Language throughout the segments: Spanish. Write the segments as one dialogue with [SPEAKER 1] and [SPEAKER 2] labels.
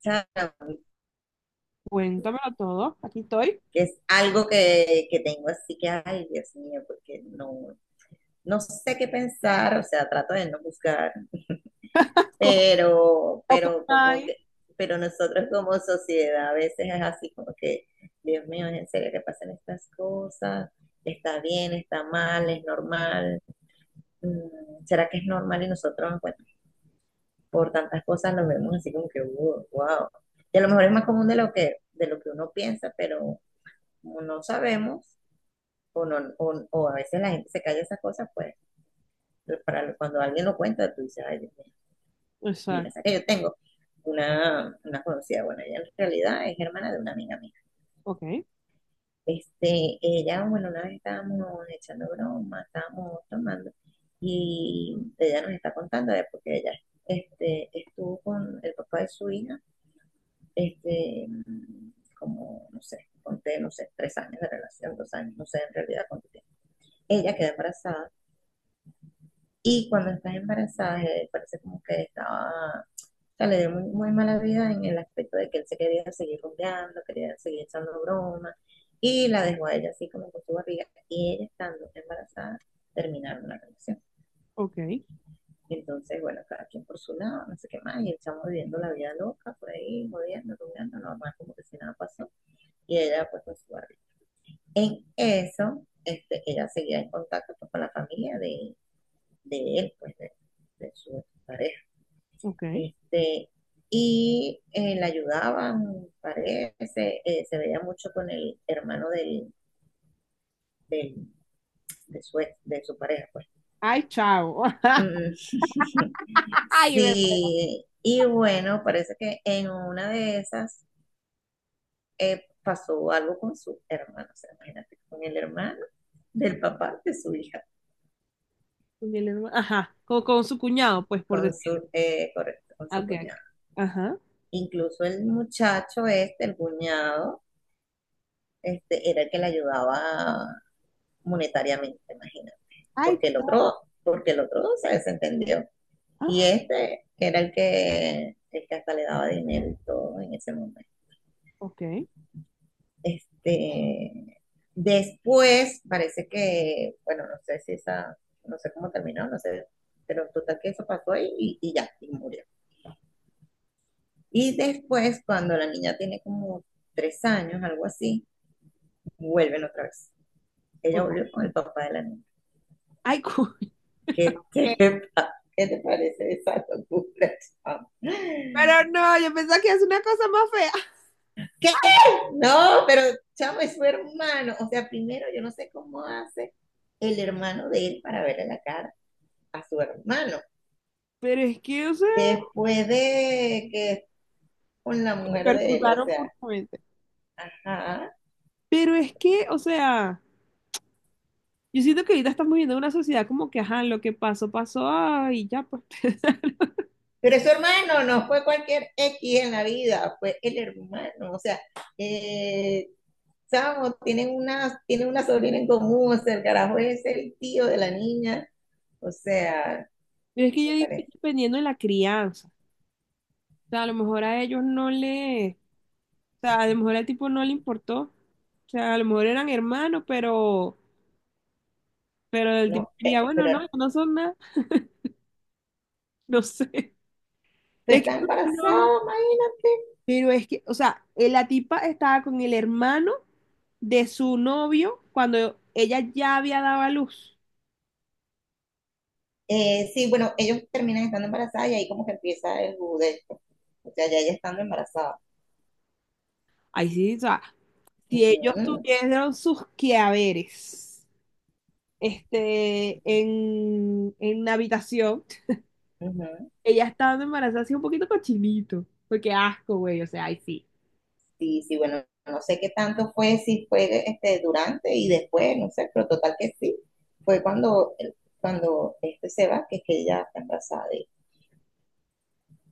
[SPEAKER 1] ¿Sabes?
[SPEAKER 2] Cuéntamelo todo. Aquí estoy.
[SPEAKER 1] Que es algo que tengo, así que, ay, Dios mío, porque no sé qué pensar. O sea, trato de no buscar,
[SPEAKER 2] Con
[SPEAKER 1] pero,
[SPEAKER 2] Open
[SPEAKER 1] pero como
[SPEAKER 2] mind.
[SPEAKER 1] que... Pero nosotros como sociedad a veces es así como que, Dios mío, ¿es en serio que pasan estas cosas? ¿Está bien, está mal, es normal? Mm, ¿será que es normal? Y nosotros, bueno, por tantas cosas nos vemos así como que, wow, wow. Y a lo mejor es más común de lo que uno piensa, pero como no sabemos, o, no, o a veces la gente se calla esas cosas, pues para cuando alguien lo cuenta, tú dices, ay, Dios mío, mira. O
[SPEAKER 2] Exacto.
[SPEAKER 1] sea, que yo tengo una conocida. Bueno, ella en realidad es hermana de una amiga mía.
[SPEAKER 2] Ok,
[SPEAKER 1] Ella, bueno, una vez estábamos echando broma, estábamos tomando, y ella nos está contando de porque ella estuvo con el papá de su hija, este, como, no sé, conté, no sé, 3 años de relación, 2 años, no sé en realidad cuánto tiempo. Ella quedó embarazada. Y cuando estás embarazada, parece como que estaba... O sea, le dio muy, muy mala vida, en el aspecto de que él se quería seguir rumbeando, quería seguir echando bromas, y la dejó a ella así como con su barriga, y ella estando embarazada, terminaron la relación.
[SPEAKER 2] ok,
[SPEAKER 1] Entonces, bueno, cada quien por su lado, no sé qué más, y el chamo viviendo la vida loca, por ahí, jodiendo, rumbeando, normal, como que si nada pasó, y ella pues con su barriga. En eso, ella seguía en contacto, pues, con la familia de él, pues, de su pareja.
[SPEAKER 2] ok.
[SPEAKER 1] Este, y la ayudaban, parece. Se veía mucho con el hermano del, de, su, de su pareja, pues.
[SPEAKER 2] Ay, chao.
[SPEAKER 1] Mm.
[SPEAKER 2] Ay, me-
[SPEAKER 1] Sí, y bueno, parece que en una de esas pasó algo con su hermano. O sea, imagínate, con el hermano del papá de su hija,
[SPEAKER 2] con el herma- ajá. Con su cuñado, pues, por
[SPEAKER 1] con
[SPEAKER 2] decir.
[SPEAKER 1] su, correcto, con
[SPEAKER 2] Ah,
[SPEAKER 1] su
[SPEAKER 2] ok, ok.
[SPEAKER 1] cuñado.
[SPEAKER 2] Ajá.
[SPEAKER 1] Incluso el muchacho este, el cuñado, era el que le ayudaba monetariamente, imagínate.
[SPEAKER 2] Ay,
[SPEAKER 1] Porque el otro se desentendió. Y
[SPEAKER 2] ah,
[SPEAKER 1] este, que era el que hasta le daba dinero y todo en ese momento.
[SPEAKER 2] ok,
[SPEAKER 1] Este, después parece que, bueno, no sé cómo terminó, no sé, pero total que eso pasó ahí y ya, y murió. Y después, cuando la niña tiene como 3 años, algo así, vuelven otra vez. Ella
[SPEAKER 2] ok.
[SPEAKER 1] volvió con el papá de la niña.
[SPEAKER 2] Ay, cu-
[SPEAKER 1] ¿Qué qué te parece esa locura, chamo?
[SPEAKER 2] Pero no, yo pensaba que es una cosa más fea.
[SPEAKER 1] ¿Qué? No, pero chamo, es su hermano. O sea, primero yo no sé cómo hace el hermano de él para verle la cara a su hermano.
[SPEAKER 2] Pero es que, o sea,
[SPEAKER 1] Después de que es con la mujer de él, o
[SPEAKER 2] percutaron
[SPEAKER 1] sea,
[SPEAKER 2] puramente.
[SPEAKER 1] ajá.
[SPEAKER 2] Pero es que, o sea, yo siento que ahorita estamos viviendo una sociedad como que, ajá, lo que pasó, pasó, ay, ya, pues.
[SPEAKER 1] Pero es su hermano, no fue cualquier X en la vida, fue el hermano. O sea, eh, chamo, tienen una sobrina en común, o sea, el carajo es el tío de la niña. O sea,
[SPEAKER 2] Pero es que yo
[SPEAKER 1] me
[SPEAKER 2] digo que es
[SPEAKER 1] parece.
[SPEAKER 2] dependiendo de la crianza. O sea, a lo mejor a ellos no le, o sea, a lo mejor al tipo no le importó. O sea, a lo mejor eran hermanos, pero el tipo
[SPEAKER 1] No,
[SPEAKER 2] diría, bueno,
[SPEAKER 1] pero
[SPEAKER 2] no, no son nada, no sé.
[SPEAKER 1] tú
[SPEAKER 2] Es que
[SPEAKER 1] estás
[SPEAKER 2] no,
[SPEAKER 1] embarazada, imagínate.
[SPEAKER 2] pero es que, o sea, la tipa estaba con el hermano de su novio cuando ella ya había dado a luz.
[SPEAKER 1] Sí, bueno, ellos terminan estando embarazadas y ahí como que empieza el judesto. O sea, ya ella estando embarazada.
[SPEAKER 2] Ahí sí, o sea, si ellos
[SPEAKER 1] Ujú,
[SPEAKER 2] tuvieron sus quehaceres, este, en la habitación.
[SPEAKER 1] ujú.
[SPEAKER 2] Ella estando embarazada así un poquito cochinito. Porque asco, güey. O sea, ay, sí.
[SPEAKER 1] Sí, sí, bueno, no sé qué tanto fue, si fue este, durante y después, no sé, pero total que sí. Fue cuando, cuando este se va, que es que ella está embarazada de él.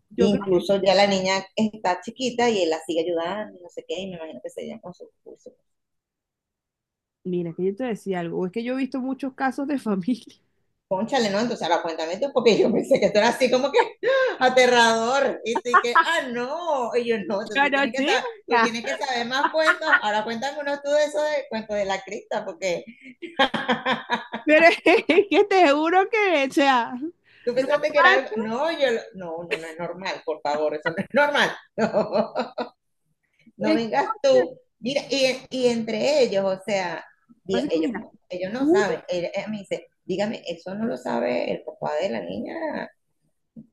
[SPEAKER 2] Yo creo que,
[SPEAKER 1] Incluso ya la niña está chiquita y él la sigue ayudando, y no sé qué, y me imagino que se llevan con sus...
[SPEAKER 2] mira, que yo te decía algo. Es que yo he visto muchos casos de familia.
[SPEAKER 1] Pónchale, ¿no? Entonces ahora cuéntame tú, porque yo pensé que esto era así como que aterrador. Y tú y que, ah, no. Y yo, no, entonces
[SPEAKER 2] Yo
[SPEAKER 1] tú
[SPEAKER 2] no,
[SPEAKER 1] tienes que saber, tú
[SPEAKER 2] chica.
[SPEAKER 1] tienes que saber más cuentos. Ahora cuéntame uno tú de eso, de cuento de la cripta, porque
[SPEAKER 2] Pero es que te juro que, o sea,
[SPEAKER 1] tú pensaste que era
[SPEAKER 2] normal,
[SPEAKER 1] algo.
[SPEAKER 2] pues,
[SPEAKER 1] No, yo, lo- no, no, no es normal, por favor, eso no es normal. No, no
[SPEAKER 2] es
[SPEAKER 1] vengas
[SPEAKER 2] que,
[SPEAKER 1] tú. Mira, y entre ellos, o sea, diga-
[SPEAKER 2] pasa que mira,
[SPEAKER 1] ellos no
[SPEAKER 2] uno,
[SPEAKER 1] saben. Él- él me dice, dígame, eso no lo sabe el papá de la niña,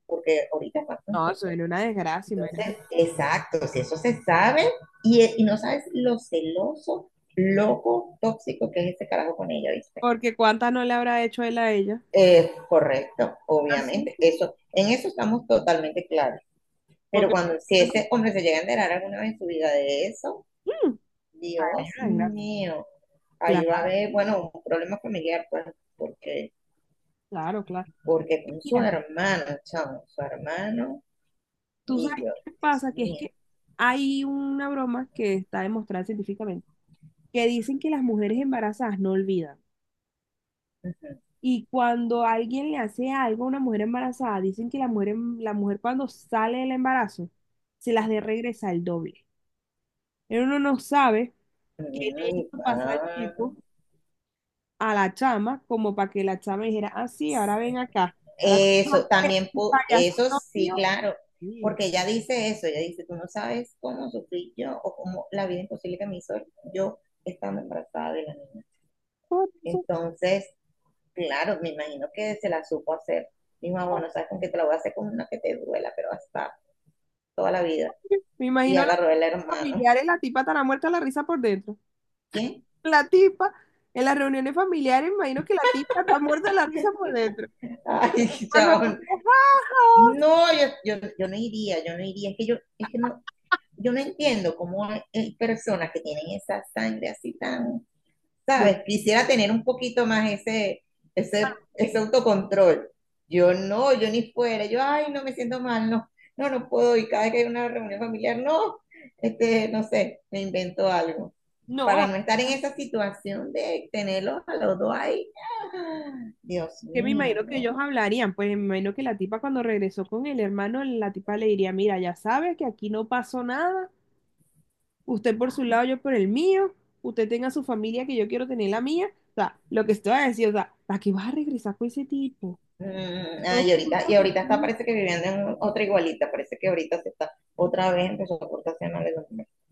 [SPEAKER 1] porque ahorita está
[SPEAKER 2] no,
[SPEAKER 1] juntos.
[SPEAKER 2] suena una desgracia,
[SPEAKER 1] Entonces,
[SPEAKER 2] imagínate.
[SPEAKER 1] exacto, si eso se sabe y no sabes lo celoso, loco, tóxico que es ese carajo con ella, ¿viste?
[SPEAKER 2] Porque cuánta no le habrá hecho él a ella.
[SPEAKER 1] Correcto,
[SPEAKER 2] Así,
[SPEAKER 1] obviamente,
[SPEAKER 2] sí.
[SPEAKER 1] eso, en eso estamos totalmente claros. Pero
[SPEAKER 2] Porque,
[SPEAKER 1] cuando, si ese hombre se llega a enterar alguna vez en su vida de eso,
[SPEAKER 2] mm, una
[SPEAKER 1] Dios
[SPEAKER 2] desgracia.
[SPEAKER 1] mío, ahí va a
[SPEAKER 2] Claro,
[SPEAKER 1] haber, bueno, un problema familiar, pues, porque,
[SPEAKER 2] claro, claro.
[SPEAKER 1] porque con su
[SPEAKER 2] Mira,
[SPEAKER 1] hermano, chamo, su hermano
[SPEAKER 2] tú
[SPEAKER 1] y
[SPEAKER 2] sabes
[SPEAKER 1] yo,
[SPEAKER 2] qué
[SPEAKER 1] Dios
[SPEAKER 2] pasa, que es
[SPEAKER 1] mío.
[SPEAKER 2] que hay una broma que está demostrada científicamente que dicen que las mujeres embarazadas no olvidan.
[SPEAKER 1] Ujú.
[SPEAKER 2] Y cuando alguien le hace algo a una mujer embarazada, dicen que la mujer, em- la mujer cuando sale del embarazo se las de regresa el doble. Pero uno no sabe qué le
[SPEAKER 1] Mm,
[SPEAKER 2] hizo pasar el
[SPEAKER 1] ah.
[SPEAKER 2] tipo a la chama, como para que la chama dijera, ah, sí, ahora ven acá, ahora tú vas
[SPEAKER 1] Eso,
[SPEAKER 2] a ser
[SPEAKER 1] también,
[SPEAKER 2] el
[SPEAKER 1] pu- eso
[SPEAKER 2] payasito
[SPEAKER 1] sí,
[SPEAKER 2] mío.
[SPEAKER 1] claro,
[SPEAKER 2] Sí.
[SPEAKER 1] porque ella dice eso, ella dice, tú no sabes cómo sufrí yo, o cómo la vida imposible que me hizo yo estando embarazada de la niña.
[SPEAKER 2] Por eso,
[SPEAKER 1] Entonces, claro, me imagino que se la supo hacer. Dijo: "Ah, bueno, sabes con qué te la voy a hacer, con una que te duela, pero hasta toda la vida".
[SPEAKER 2] me
[SPEAKER 1] Y
[SPEAKER 2] imagino a las
[SPEAKER 1] agarró el hermano.
[SPEAKER 2] familiares, la tipa estará muerta de la risa por dentro.
[SPEAKER 1] ¿Quién?
[SPEAKER 2] La tipa en las reuniones familiares, me imagino que la tipa está muerta de la risa por dentro.
[SPEAKER 1] Ay,
[SPEAKER 2] Cuando me
[SPEAKER 1] chabón.
[SPEAKER 2] dice, "Ja, ja".
[SPEAKER 1] No, yo no iría, yo no iría. Es que yo, es que no, yo no entiendo cómo hay personas que tienen esa sangre así tan...
[SPEAKER 2] No,
[SPEAKER 1] ¿Sabes? Quisiera tener un poquito más ese autocontrol. Yo no, yo ni fuera, yo, ay, no me siento mal, no, no, no puedo ir cada vez que hay una reunión familiar, no, no sé, me invento algo.
[SPEAKER 2] no,
[SPEAKER 1] Para no estar en esa situación de tenerlos a los dos ahí, ah, Dios
[SPEAKER 2] que me
[SPEAKER 1] mío,
[SPEAKER 2] imagino que
[SPEAKER 1] no.
[SPEAKER 2] ellos hablarían, pues me imagino que la tipa cuando regresó con el hermano, la tipa le diría, mira, ya sabe que aquí no pasó nada, usted por su lado, yo por el mío, usted tenga su familia que yo quiero tener la mía, o sea, lo que estoy a decir, o sea, ¿para qué vas a regresar con ese tipo?
[SPEAKER 1] Mm, ah,
[SPEAKER 2] No,
[SPEAKER 1] y
[SPEAKER 2] te
[SPEAKER 1] ahorita, y
[SPEAKER 2] importa.
[SPEAKER 1] ahorita está, parece que viviendo en otra igualita, parece que ahorita se está otra vez empezó a portarse mal.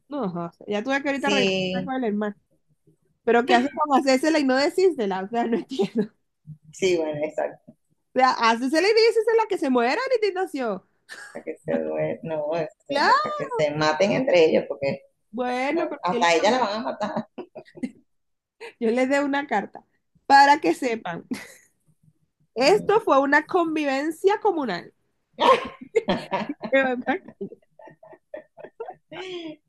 [SPEAKER 2] No, o sea, ya tuve que ahorita regresar
[SPEAKER 1] Sí,
[SPEAKER 2] con el hermano, pero ¿qué haces con hacérsela y no decírsela? O sea, no entiendo.
[SPEAKER 1] sí, bueno, exacto.
[SPEAKER 2] Sea, haces el inicio y es la que se muera la indignación.
[SPEAKER 1] Para que se due- no,
[SPEAKER 2] Claro,
[SPEAKER 1] para que se maten entre ellos, porque no,
[SPEAKER 2] bueno, porque
[SPEAKER 1] hasta ella la van a matar.
[SPEAKER 2] yo les dé una carta para que sepan. Esto
[SPEAKER 1] Mm.
[SPEAKER 2] fue una convivencia comunal.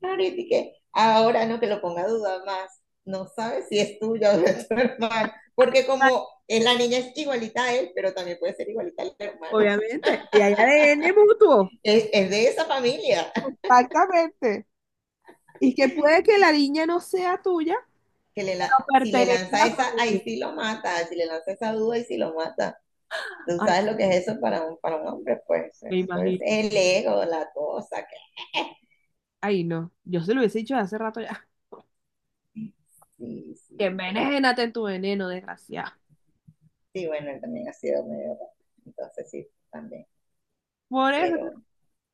[SPEAKER 1] Ahorita y que ahora no, que lo ponga a dudar más, no sabe si es tuya o de tu hermano, porque como es la niña es igualita a él, pero también puede ser igualita al hermano,
[SPEAKER 2] Obviamente, y hay ADN mutuo.
[SPEAKER 1] es de esa familia,
[SPEAKER 2] Exactamente. Y que puede que la niña no sea tuya,
[SPEAKER 1] que le la-
[SPEAKER 2] pero
[SPEAKER 1] si le
[SPEAKER 2] pertenece
[SPEAKER 1] lanza
[SPEAKER 2] a la
[SPEAKER 1] esa, ahí
[SPEAKER 2] familia.
[SPEAKER 1] sí lo mata, si le lanza esa duda, ahí sí lo mata. Tú
[SPEAKER 2] Ay,
[SPEAKER 1] sabes lo que es eso para un hombre, pues
[SPEAKER 2] me
[SPEAKER 1] eso es
[SPEAKER 2] imagino.
[SPEAKER 1] el ego, la cosa, que
[SPEAKER 2] Ay, no. Yo se lo hubiese dicho hace rato ya.
[SPEAKER 1] sí, sí.
[SPEAKER 2] Envenénate en tu veneno, desgraciado.
[SPEAKER 1] Sí, bueno, él también ha sido medio raro. Entonces sí, también.
[SPEAKER 2] Por eso.
[SPEAKER 1] Pero,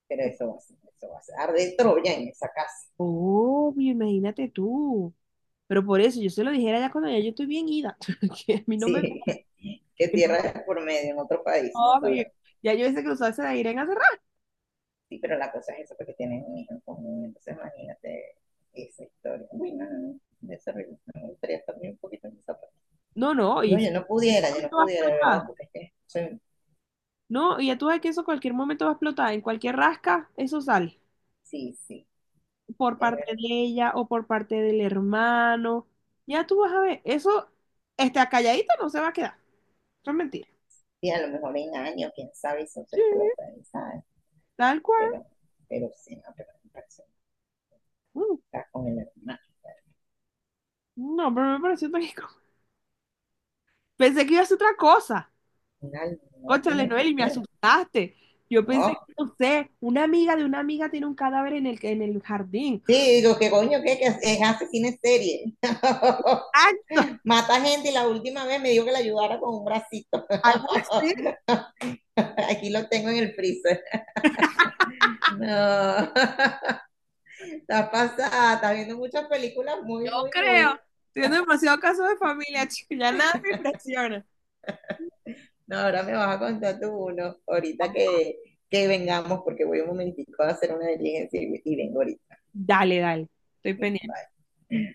[SPEAKER 1] pero eso va a ser, eso va a ser. Arde Troya en esa casa.
[SPEAKER 2] Obvio, imagínate tú. Pero por eso yo se lo dijera ya cuando ya yo estoy bien ida. Que a mí no me...
[SPEAKER 1] Sí, que
[SPEAKER 2] que no me
[SPEAKER 1] tierra es por medio en otro país, ¿no?
[SPEAKER 2] jodan.
[SPEAKER 1] ¿Sabes?
[SPEAKER 2] Ya yo ese cruzado se la irán a cerrar.
[SPEAKER 1] Sí, pero la cosa es eso, porque tienen un hijo en común. Entonces imagínate esa historia. Bueno, no, de ese ritmo, me gustaría también un poquito en esa parte.
[SPEAKER 2] No, no, y
[SPEAKER 1] No,
[SPEAKER 2] eso,
[SPEAKER 1] yo no
[SPEAKER 2] ¿En qué
[SPEAKER 1] pudiera, yo no
[SPEAKER 2] momento va a
[SPEAKER 1] pudiera, de verdad,
[SPEAKER 2] explotar?
[SPEAKER 1] porque es que soy-
[SPEAKER 2] No, y ya tú sabes que eso cualquier momento va a explotar. En cualquier rasca, eso sale.
[SPEAKER 1] sí, sí,
[SPEAKER 2] Por
[SPEAKER 1] es
[SPEAKER 2] parte
[SPEAKER 1] verdad.
[SPEAKER 2] de ella o por parte del hermano. Ya tú vas a ver. Eso, está calladito no se va a quedar. Eso es mentira.
[SPEAKER 1] Y a lo mejor en años, quién sabe, eso se
[SPEAKER 2] Sí,
[SPEAKER 1] explota, ¿sabes?
[SPEAKER 2] tal cual.
[SPEAKER 1] Pero, pero sí, no, pero me parece,
[SPEAKER 2] Mm,
[SPEAKER 1] está con el hermano.
[SPEAKER 2] no, pero me pareció tan incómodo. Pensé que iba a ser otra cosa.
[SPEAKER 1] Final, no, tú me
[SPEAKER 2] Cónchale, Noel,
[SPEAKER 1] dijiste,
[SPEAKER 2] y me
[SPEAKER 1] ¿qué?
[SPEAKER 2] asustaste. Yo pensé
[SPEAKER 1] No.
[SPEAKER 2] que, no sé, una amiga de una amiga tiene un cadáver en el jardín.
[SPEAKER 1] Sí, digo, ¿qué coño? ¿Qué? ¿Que es asesina en serie?
[SPEAKER 2] Acto,
[SPEAKER 1] Mata gente y la última vez me dijo que la ayudara con un bracito.
[SPEAKER 2] algo así.
[SPEAKER 1] Aquí lo tengo en el freezer. No, estás pasada, estás viendo muchas películas
[SPEAKER 2] Yo
[SPEAKER 1] muy, muy,
[SPEAKER 2] creo.
[SPEAKER 1] muy.
[SPEAKER 2] Teniendo demasiado caso de familia, chico, ya nada me impresiona.
[SPEAKER 1] No, ahora me vas a contar tú uno, ahorita que vengamos, porque voy un momentico a hacer una diligencia y vengo ahorita.
[SPEAKER 2] Dale, dale, estoy pendiente.
[SPEAKER 1] Bye.